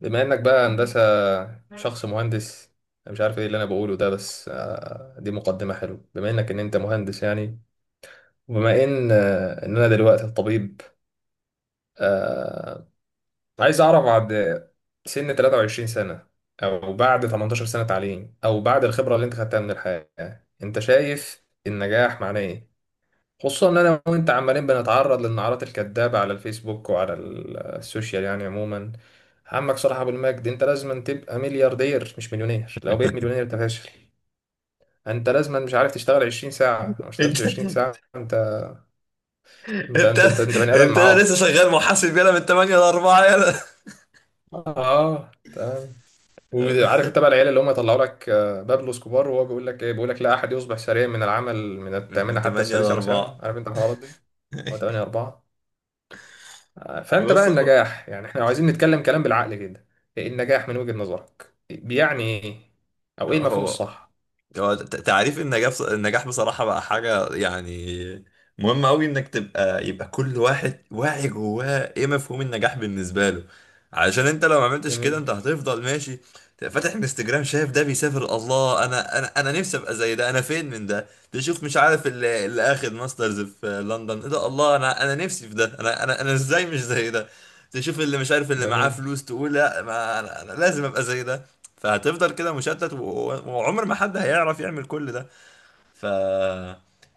بما انك بقى هندسة شخص مهندس. انا مش عارف ايه اللي انا بقوله ده، بس دي مقدمة حلوة. بما انك انت مهندس يعني، وبما ان انا دلوقتي طبيب، آه، عايز اعرف بعد سن 23 سنة، او بعد 18 سنة تعليم، او بعد الخبرة اللي انت خدتها من الحياة، انت شايف النجاح معناه ايه؟ خصوصا ان انا وانت عمالين بنتعرض للنعرات الكذابه على الفيسبوك وعلى السوشيال يعني عموما. عمك صلاح ابو المجد، انت لازم تبقى ملياردير مش مليونير، لو بقيت مليونير انت فاشل. انت لازم مش عارف تشتغل 20 ساعه، لو ما اشتغلتش انت 20 ساعه انت، انت انت انت انت, انت بني انت ادم عاق. لسه الاربعه اه، تمام. وعارف انت بقى العيال اللي هم يطلعوا لك، بابلو اسكوبار، وهو بيقول لك ايه؟ بيقول لك لا احد يصبح سريعا من العمل من من الثامنه حتى 8 ل السادسه مثلا، 4 عارف انت الحوارات دي؟ هو 8 4. فانت بقى بص النجاح، يعني احنا لو عايزين نتكلم كلام بالعقل كده، إيه النجاح من وجهة نظرك؟ بيعني ايه او ايه المفهوم هو الصح؟ تعريف النجاح النجاح بصراحة بقى حاجة مهم أوي إنك تبقى يبقى كل واحد واعي جواه إيه مفهوم النجاح بالنسبة له، علشان أنت لو ما عملتش كده جميل. أنت هتفضل ماشي، تبقى فاتح انستجرام شايف ده بيسافر، الله أنا أنا أنا نفسي أبقى زي ده، أنا فين من ده، تشوف مش عارف اللي آخد ماسترز في لندن، إيه ده، الله أنا أنا نفسي في ده، أنا أنا أنا إزاي مش زي ده، تشوف اللي مش عارف اللي معاه جميل. فلوس تقول لا ما أنا أنا لازم أبقى زي ده. فهتفضل كده مشتت، وعمر ما حد هيعرف يعمل كل ده. ف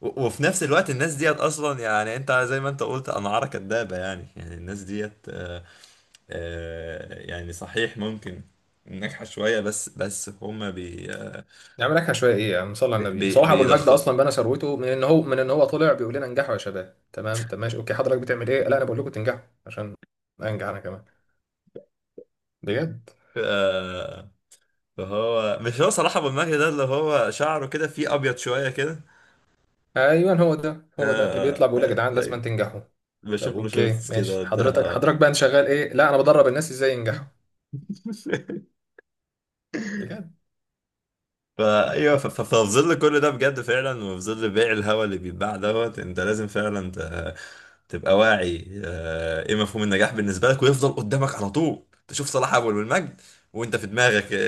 وفي نفس الوقت الناس ديت اصلا، يعني انت زي ما انت قلت انعارة كدابة، يعني يعني الناس ديت يعني صحيح ممكن ناجحة شوية، بس هما نعمل لك شويه ايه يعني، نصلي على النبي. صلاح ابو المجد بيضخ. اصلا بنى ثروته من ان هو طلع بيقول لنا انجحوا يا شباب. تمام، طب ماشي اوكي، حضرتك بتعمل ايه؟ لا انا بقول لكم تنجحوا عشان انجح انا كمان. بجد. آه، فهو مش هو صلاح ابو المهدي ده اللي هو شعره كده فيه ابيض شوية كده؟ ايوه، هو ده هو ده اللي بيطلع بيقول يا جدعان لازم أيوة. تنجحوا. بشوف طب له اوكي شورتس كده ماشي، وبتاع. حضرتك حضرتك بقى انت شغال ايه؟ لا انا بدرب الناس ازاي ينجحوا. بجد. ففي ظل كل ده بجد فعلا، وفي ظل بيع الهوا اللي بيتباع دوت انت لازم فعلا تبقى واعي ايه مفهوم النجاح بالنسبه لك، ويفضل قدامك على طول تشوف صلاح اول والمجد وانت في دماغك آه،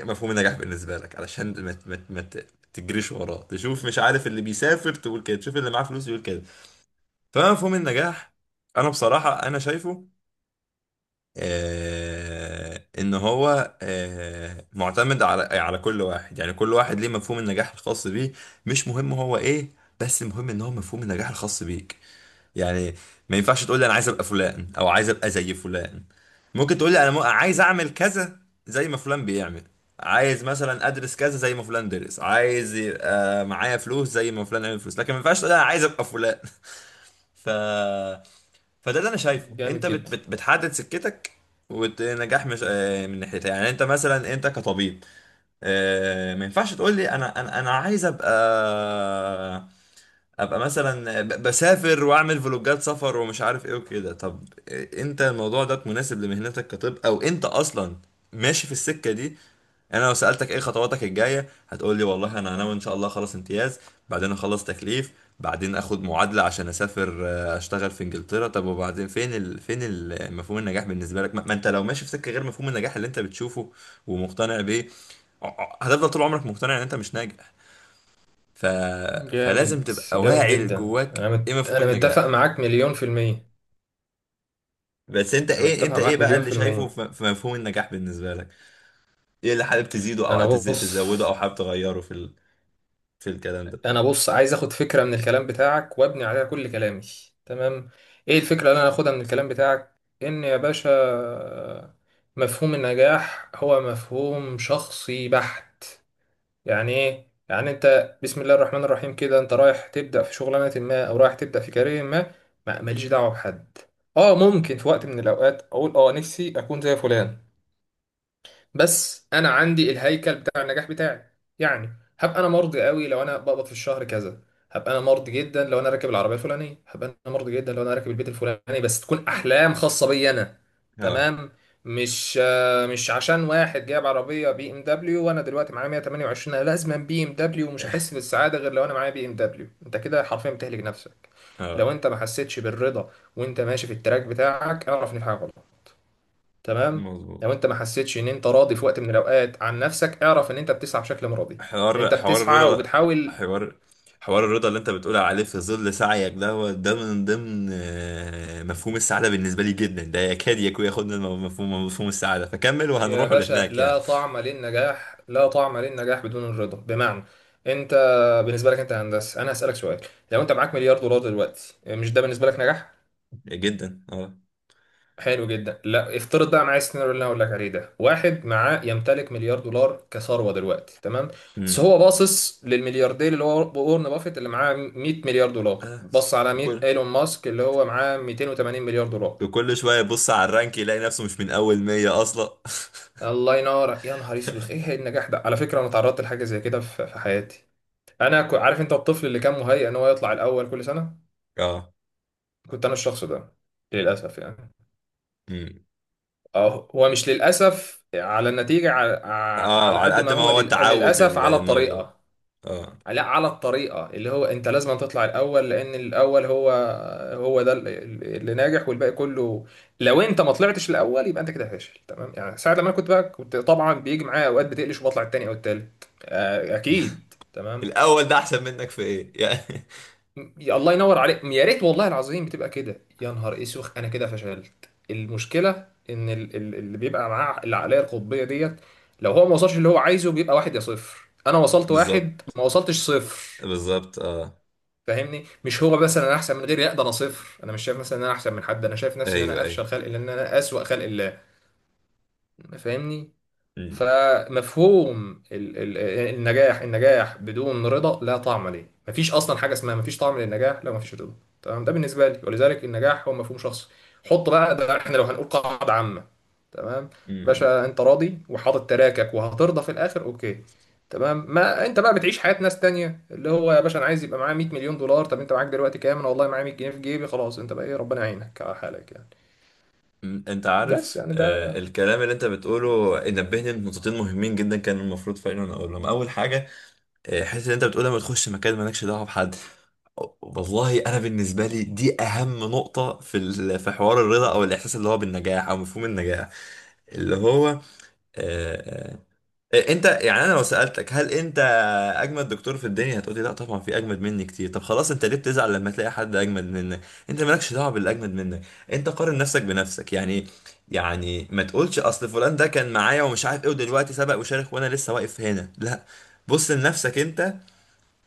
آه، آه، مفهوم النجاح بالنسبه لك، علشان ما ت- ما ت- ما ت- تجريش وراه، تشوف مش عارف اللي بيسافر تقول كده، تشوف اللي معاه فلوس يقول كده. فمفهوم النجاح انا بصراحه انا شايفه ان هو معتمد على كل واحد، يعني كل واحد ليه مفهوم النجاح الخاص بيه، مش مهم هو ايه، بس المهم ان هو مفهوم النجاح الخاص بيك. يعني ما ينفعش تقول لي انا عايز ابقى فلان او عايز ابقى زي فلان، ممكن تقول لي انا عايز اعمل كذا زي ما فلان بيعمل، عايز مثلا ادرس كذا زي ما فلان درس، عايز يبقى معايا فلوس زي ما فلان عمل فلوس، لكن ما ينفعش تقول لي انا عايز ابقى فلان. ف فده اللي انا شايفه، جامد انت بت جدا. بت بتحدد سكتك. والنجاح مش من ناحيتها، يعني انت مثلا انت كطبيب ما ينفعش تقول لي انا عايز ابقى ابقى مثلا بسافر واعمل فلوجات سفر ومش عارف ايه وكده. طب انت الموضوع ده مناسب لمهنتك كطب، او انت اصلا ماشي في السكة دي؟ يعني انا لو سألتك ايه خطواتك الجاية هتقول لي والله انا ناوي ان شاء الله اخلص امتياز، بعدين اخلص تكليف، بعدين اخد معادلة عشان اسافر اشتغل في انجلترا. طب وبعدين فين فين مفهوم النجاح بالنسبة لك؟ ما ما انت لو ماشي في سكة غير مفهوم النجاح اللي انت بتشوفه ومقتنع بيه، هتفضل طول عمرك مقتنع ان انت مش ناجح. ف... فلازم جامد تبقى جامد واعي جدا. لجواك ايه مفهوم انا متفق النجاح. معاك مليون في المية. بس انت انا ايه، متفق معاك بقى مليون اللي في شايفه المية. في في مفهوم النجاح بالنسبه لك؟ ايه اللي حابب تزيده انا او بص تزوده او حابب تغيره في في الكلام ده؟ انا بص عايز اخد فكرة من الكلام بتاعك وابني عليها كل كلامي. تمام. ايه الفكرة اللي انا اخدها من الكلام بتاعك؟ ان يا باشا مفهوم النجاح هو مفهوم شخصي بحت. يعني ايه؟ يعني انت بسم الله الرحمن الرحيم كده انت رايح تبدا في شغلانه ما او رايح تبدا في كارير ما، ماليش دعوه بحد. اه ممكن في وقت من الاوقات اقول اه نفسي اكون زي فلان، بس انا عندي الهيكل بتاع النجاح بتاعي. يعني هبقى انا مرضي قوي لو انا بقبض في الشهر كذا، هبقى انا مرضي جدا لو انا راكب العربيه الفلانيه، هبقى انا مرضي جدا لو انا راكب البيت الفلاني، بس تكون احلام خاصه بي انا. اه تمام، مش عشان واحد جايب عربيه بي ام دبليو وانا دلوقتي معايا 128 انا لازم بي ام دبليو، ومش هحس بالسعاده غير لو انا معايا بي ام دبليو، انت كده حرفيا بتهلك نفسك. لو اه انت ما حسيتش بالرضا وانت ماشي في التراك بتاعك، اعرف ان في حاجه غلط. تمام. مظبوط. لو انت ما حسيتش ان انت راضي في وقت من الاوقات عن نفسك، اعرف ان انت بتسعى بشكل مرضي، ان حوار انت بتسعى الرضا ده، وبتحاول. حوار الرضا اللي انت بتقول عليه في ظل سعيك ده، هو ده من ضمن مفهوم السعادة بالنسبة لي جدا، ده يكاد يكون ياخدنا مفهوم مفهوم السعادة، فكمل يا وهنروح باشا، لهناك يعني. لا طعم للنجاح، لا طعم للنجاح بدون الرضا. بمعنى انت بالنسبه لك انت هندسه، انا هسالك سؤال. لو انت معاك مليار دولار دلوقتي، مش ده بالنسبه لك نجاح؟ جدا اه. حلو جدا. لا، افترض بقى معايا السيناريو اللي انا هقول لك عليه ده. واحد معاه، يمتلك مليار دولار كثروه دلوقتي، تمام؟ بس امم. هو باصص للملياردير اللي هو وارن بافيت اللي معاه 100 مليار دولار، آه. بص على 100 وكل ايلون ماسك اللي هو معاه 280 مليار دولار. وكل شوية يبص على الرانك يلاقي نفسه مش من أول 100 أصلا. الله ينور، يا نهار اسود، ايه النجاح ده؟ على فكره انا تعرضت لحاجه زي كده في حياتي. عارف انت الطفل اللي كان مهيئ ان هو يطلع الاول كل سنه؟ اه. كنت انا الشخص ده، للاسف يعني. مم. اه، هو مش للأسف على النتيجة اه، على على قد ما قد ما هو هو تعود للأسف على الموضوع. الطريقة. اه. لا، على الطريقة اللي هو أنت لازم تطلع الأول، لأن الأول هو هو ده اللي ناجح والباقي كله، لو أنت ما طلعتش الأول يبقى أنت كده فاشل. تمام؟ يعني ساعة لما أنا كنت بقى كنت طبعا بيجي معايا أوقات بتقلش وبطلع التاني أو التالت، أكيد. تمام؟ الأول ده أحسن منك في إيه يعني؟ يا الله ينور عليك، يا ريت والله العظيم بتبقى كده. يا نهار اسوخ، انا كده فشلت. المشكله ان اللي بيبقى معاه العقليه القطبيه ديت، لو هو ما وصلش اللي هو عايزه بيبقى واحد يا صفر. انا وصلت واحد، بالظبط، ما وصلتش صفر. بالظبط اه. فاهمني؟ مش هو مثلا انا احسن من غيري، لا ده انا صفر. انا مش شايف مثلا ان انا احسن من حد، انا شايف نفسي ان أيوه انا أيوه. افشل خلق الله، ان انا اسوأ خلق الله. فاهمني؟ مم. فمفهوم ال النجاح، النجاح بدون رضا لا طعم ليه. مفيش اصلا حاجه اسمها، مفيش طعم للنجاح لو مفيش رضا. تمام؟ ده بالنسبه لي، ولذلك النجاح هو مفهوم شخصي. حط بقى ده احنا لو هنقول قاعده عامه. تمام. مم. باشا، انت راضي وحاطط تراكك وهترضى في الاخر، اوكي، تمام. ما انت بقى بتعيش حياه ناس تانية اللي هو يا باشا انا عايز يبقى معايا 100 مليون دولار. طب انت معاك دلوقتي كام؟ انا والله معايا 100 جنيه في جيبي. خلاص انت بقى ايه، ربنا يعينك على حالك يعني. مم. أنت بس عارف يعني ده. الكلام اللي أنت بتقوله نبهني لنقطتين مهمين جدا، كان المفروض فعلا أقولهم أول حاجة. الحته اللي انت بتقولها ما تخش مكان مالكش دعوه بحد، والله انا بالنسبه لي دي اهم نقطه في في حوار الرضا او الاحساس اللي هو بالنجاح او مفهوم النجاح اللي هو آه، انت، يعني انا لو سالتك هل انت اجمد دكتور في الدنيا هتقولي لا طبعا في اجمد مني كتير. طب خلاص، انت ليه بتزعل لما تلاقي حد اجمد منك؟ انت مالكش دعوه باللي اجمد منك، انت قارن نفسك بنفسك يعني. يعني ما تقولش اصل فلان ده كان معايا ومش عارف ايه ودلوقتي سبق وشارك وانا لسه واقف هنا، لا، بص لنفسك انت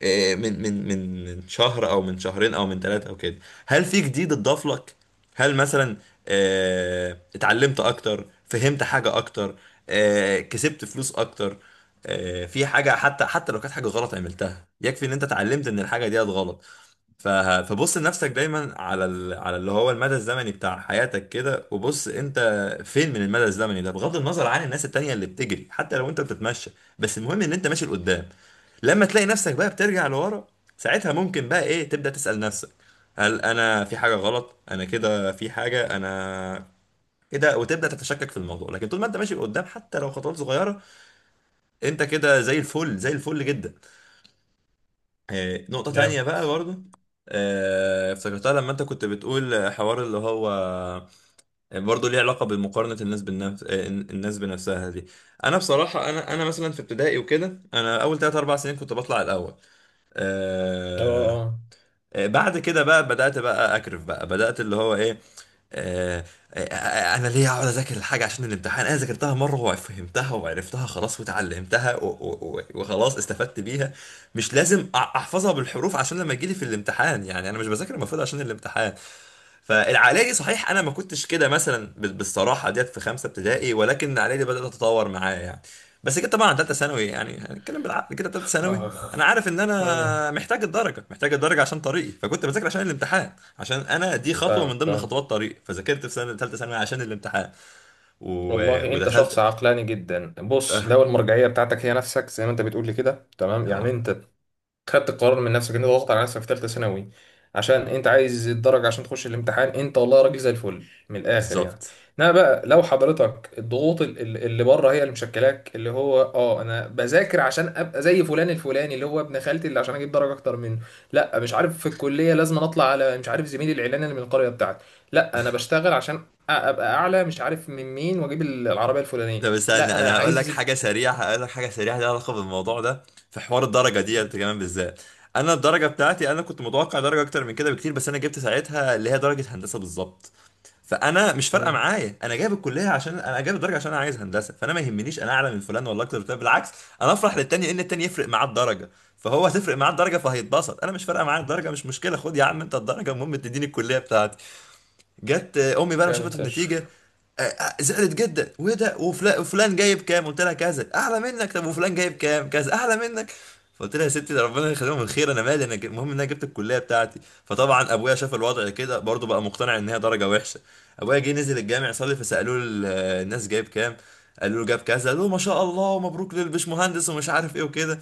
من من شهر او من شهرين او من ثلاثه او كده، هل في جديد اتضاف لك؟ هل مثلا اتعلمت اكتر، فهمت حاجه اكتر، كسبت فلوس اكتر، في حاجه، حتى حتى لو كانت حاجه غلط عملتها يكفي ان انت اتعلمت ان الحاجه دي غلط. ف- فبص لنفسك دايما على على اللي هو المدى الزمني بتاع حياتك كده، وبص انت فين من المدى الزمني ده بغض النظر عن الناس التانية اللي بتجري، حتى لو انت بتتمشى بس المهم ان انت ماشي لقدام. لما تلاقي نفسك بقى بترجع لورا، ساعتها ممكن بقى ايه تبدأ تسأل نفسك هل انا في حاجة غلط، انا كده في حاجة انا كده، وتبدأ تتشكك في الموضوع، لكن طول ما انت ماشي لقدام حتى لو خطوات صغيرة انت كده زي الفل، زي الفل جدا. نقطة تانية جامد. بقى برضو افتكرتها لما انت كنت بتقول حوار اللي هو، برضه ليه علاقة بمقارنة الناس بالنفس، الناس بنفسها دي. انا بصراحة انا مثلا في ابتدائي وكده انا اول 3 4 سنين كنت بطلع الاول، آه، اه. بعد كده بقى بدأت بقى أكرف، بقى بدأت اللي هو إيه، آه، أنا ليه أقعد أذاكر الحاجة عشان الامتحان؟ أنا ذاكرتها مرة وفهمتها وعرفتها خلاص وتعلمتها وخلاص استفدت بيها، مش لازم أحفظها بالحروف عشان لما يجيلي في الامتحان، يعني أنا مش بذاكر المفروض عشان الامتحان. فالعقليه دي صحيح انا ما كنتش كده مثلا بالصراحه ديت في خمسه ابتدائي، ولكن العقليه دي بدات تتطور معايا يعني، بس كده طبعا عن ثالثه ثانوي يعني هنتكلم بالعقل كده ثالثه ثانوي، اه. انا عارف ان اخ. انا محتاج الدرجه، محتاج الدرجه عشان طريقي، فكنت بذاكر عشان الامتحان، عشان انا دي خطوه فاهم، من ضمن فاهم. خطوات طريقي، فذاكرت في سنه ثالثه ثانوي عشان الامتحان و... والله انت ودخلت. شخص عقلاني جدا. بص، اه. لو المرجعيه بتاعتك هي نفسك زي ما انت بتقول لي كده، تمام، يعني آه، انت خدت القرار من نفسك، انت ضغطت على نفسك في ثالثه ثانوي عشان انت عايز الدرجه عشان تخش الامتحان، انت والله راجل زي الفل، من الاخر يعني. بالظبط. انما بقى لو حضرتك الضغوط اللي بره هي اللي مشكلاك، اللي هو اه انا بذاكر عشان ابقى زي فلان الفلاني اللي هو ابن خالتي، اللي عشان اجيب درجه اكتر منه. لا، مش عارف في الكليه لازم اطلع على، مش عارف، زميلي الاعلاني اللي من القريه بتاعتي. لا انا بشتغل عشان ابقى اعلى مش عارف من مين واجيب العربيه الفلانيه. ده لا استنى انا انا هقول لك عايز حاجه سريعه، هقول لك حاجه سريعه ليها علاقه بالموضوع ده، في حوار الدرجه دي انت مم. كمان بالذات. انا الدرجه بتاعتي انا كنت متوقع درجه اكتر من كده بكتير، بس انا جبت ساعتها اللي هي درجه هندسه بالظبط، فانا مش فارقه مم، معايا انا جايب الكليه عشان انا جايب الدرجه عشان انا عايز هندسه، فانا ما يهمنيش انا اعلى من فلان ولا اكتر من فلان، بالعكس انا افرح للتاني ان التاني يفرق معاه الدرجه، فهو هتفرق معاه الدرجه فهيتبسط، انا مش فارقه معايا الدرجه مش مشكله، خد يا عم انت الدرجه المهم تديني الكليه بتاعتي. جت امي بقى لما جامد شافت النتيجه فشخ. زعلت جدا، وايه ده، وفلان جايب كام، قلت لها كذا اعلى منك، طب وفلان جايب كام، كذا اعلى منك. فقلت لها يا ستي ده ربنا يخليهم من خير، انا مالي انا المهم ان انا جبت الكليه بتاعتي. فطبعا ابويا شاف الوضع كده برضه بقى مقتنع ان هي درجه وحشه، ابويا جه نزل الجامع يصلي فسالوه الناس جايب كام، قالوا له جاب كذا، قالوا له ما شاء الله ومبروك للبشمهندس ومش عارف ايه وكده،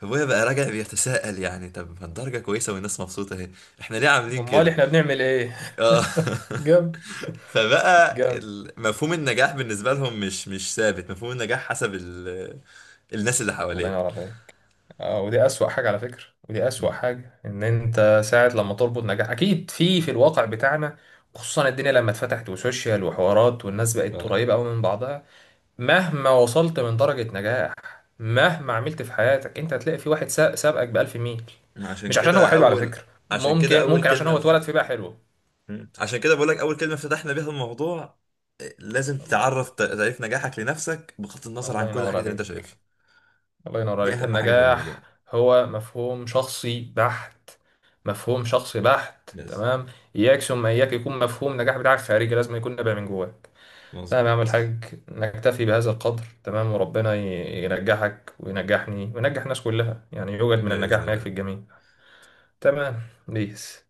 فابويا بقى راجع بيتساءل يعني، طب ما الدرجه كويسه والناس مبسوطه اهي، احنا ليه عاملين امال كده؟ احنا بنعمل ايه؟ اه جامد. فبقى جامد، مفهوم النجاح بالنسبة لهم مش ثابت، مفهوم النجاح حسب الناس اللي الله حواليك. ينور عليك. اه، ودي اسوأ حاجة على فكرة. ودي اسوأ مم. حاجة، ان انت ساعة لما تربط نجاح، اكيد في الواقع بتاعنا، خصوصا الدنيا لما اتفتحت وسوشيال وحوارات والناس بقت اه. قريبة قوي من بعضها، مهما وصلت من درجة نجاح، مهما عملت في حياتك، انت هتلاقي في واحد سابقك بألف ميل، عشان مش عشان هو كده حلو على أول فكرة، عشان كده ممكن أول ممكن عشان كلمة هو فت... اتولد في بقى حلو. عشان كده بقولك أول كلمة فتحنا بيها الموضوع إيه، لازم الله. تعرف تعريف نجاحك لنفسك بغض النظر الله عن كل ينور الحاجات اللي أنت عليك. شايفها، الله ينور دي عليك. أهم حاجة في النجاح الموضوع. هو مفهوم شخصي بحت. مفهوم شخصي بحت، بس تمام. إياك ثم إياك يكون مفهوم النجاح بتاعك خارجي، لازم يكون نابع من جواك. تمام يا عم مظبوط، الحاج، نكتفي بهذا القدر. تمام، وربنا ينجحك وينجحني وينجح الناس كلها يعني، يوجد من بإذن النجاح ما يكفي الله. الجميع. تمام. بيس.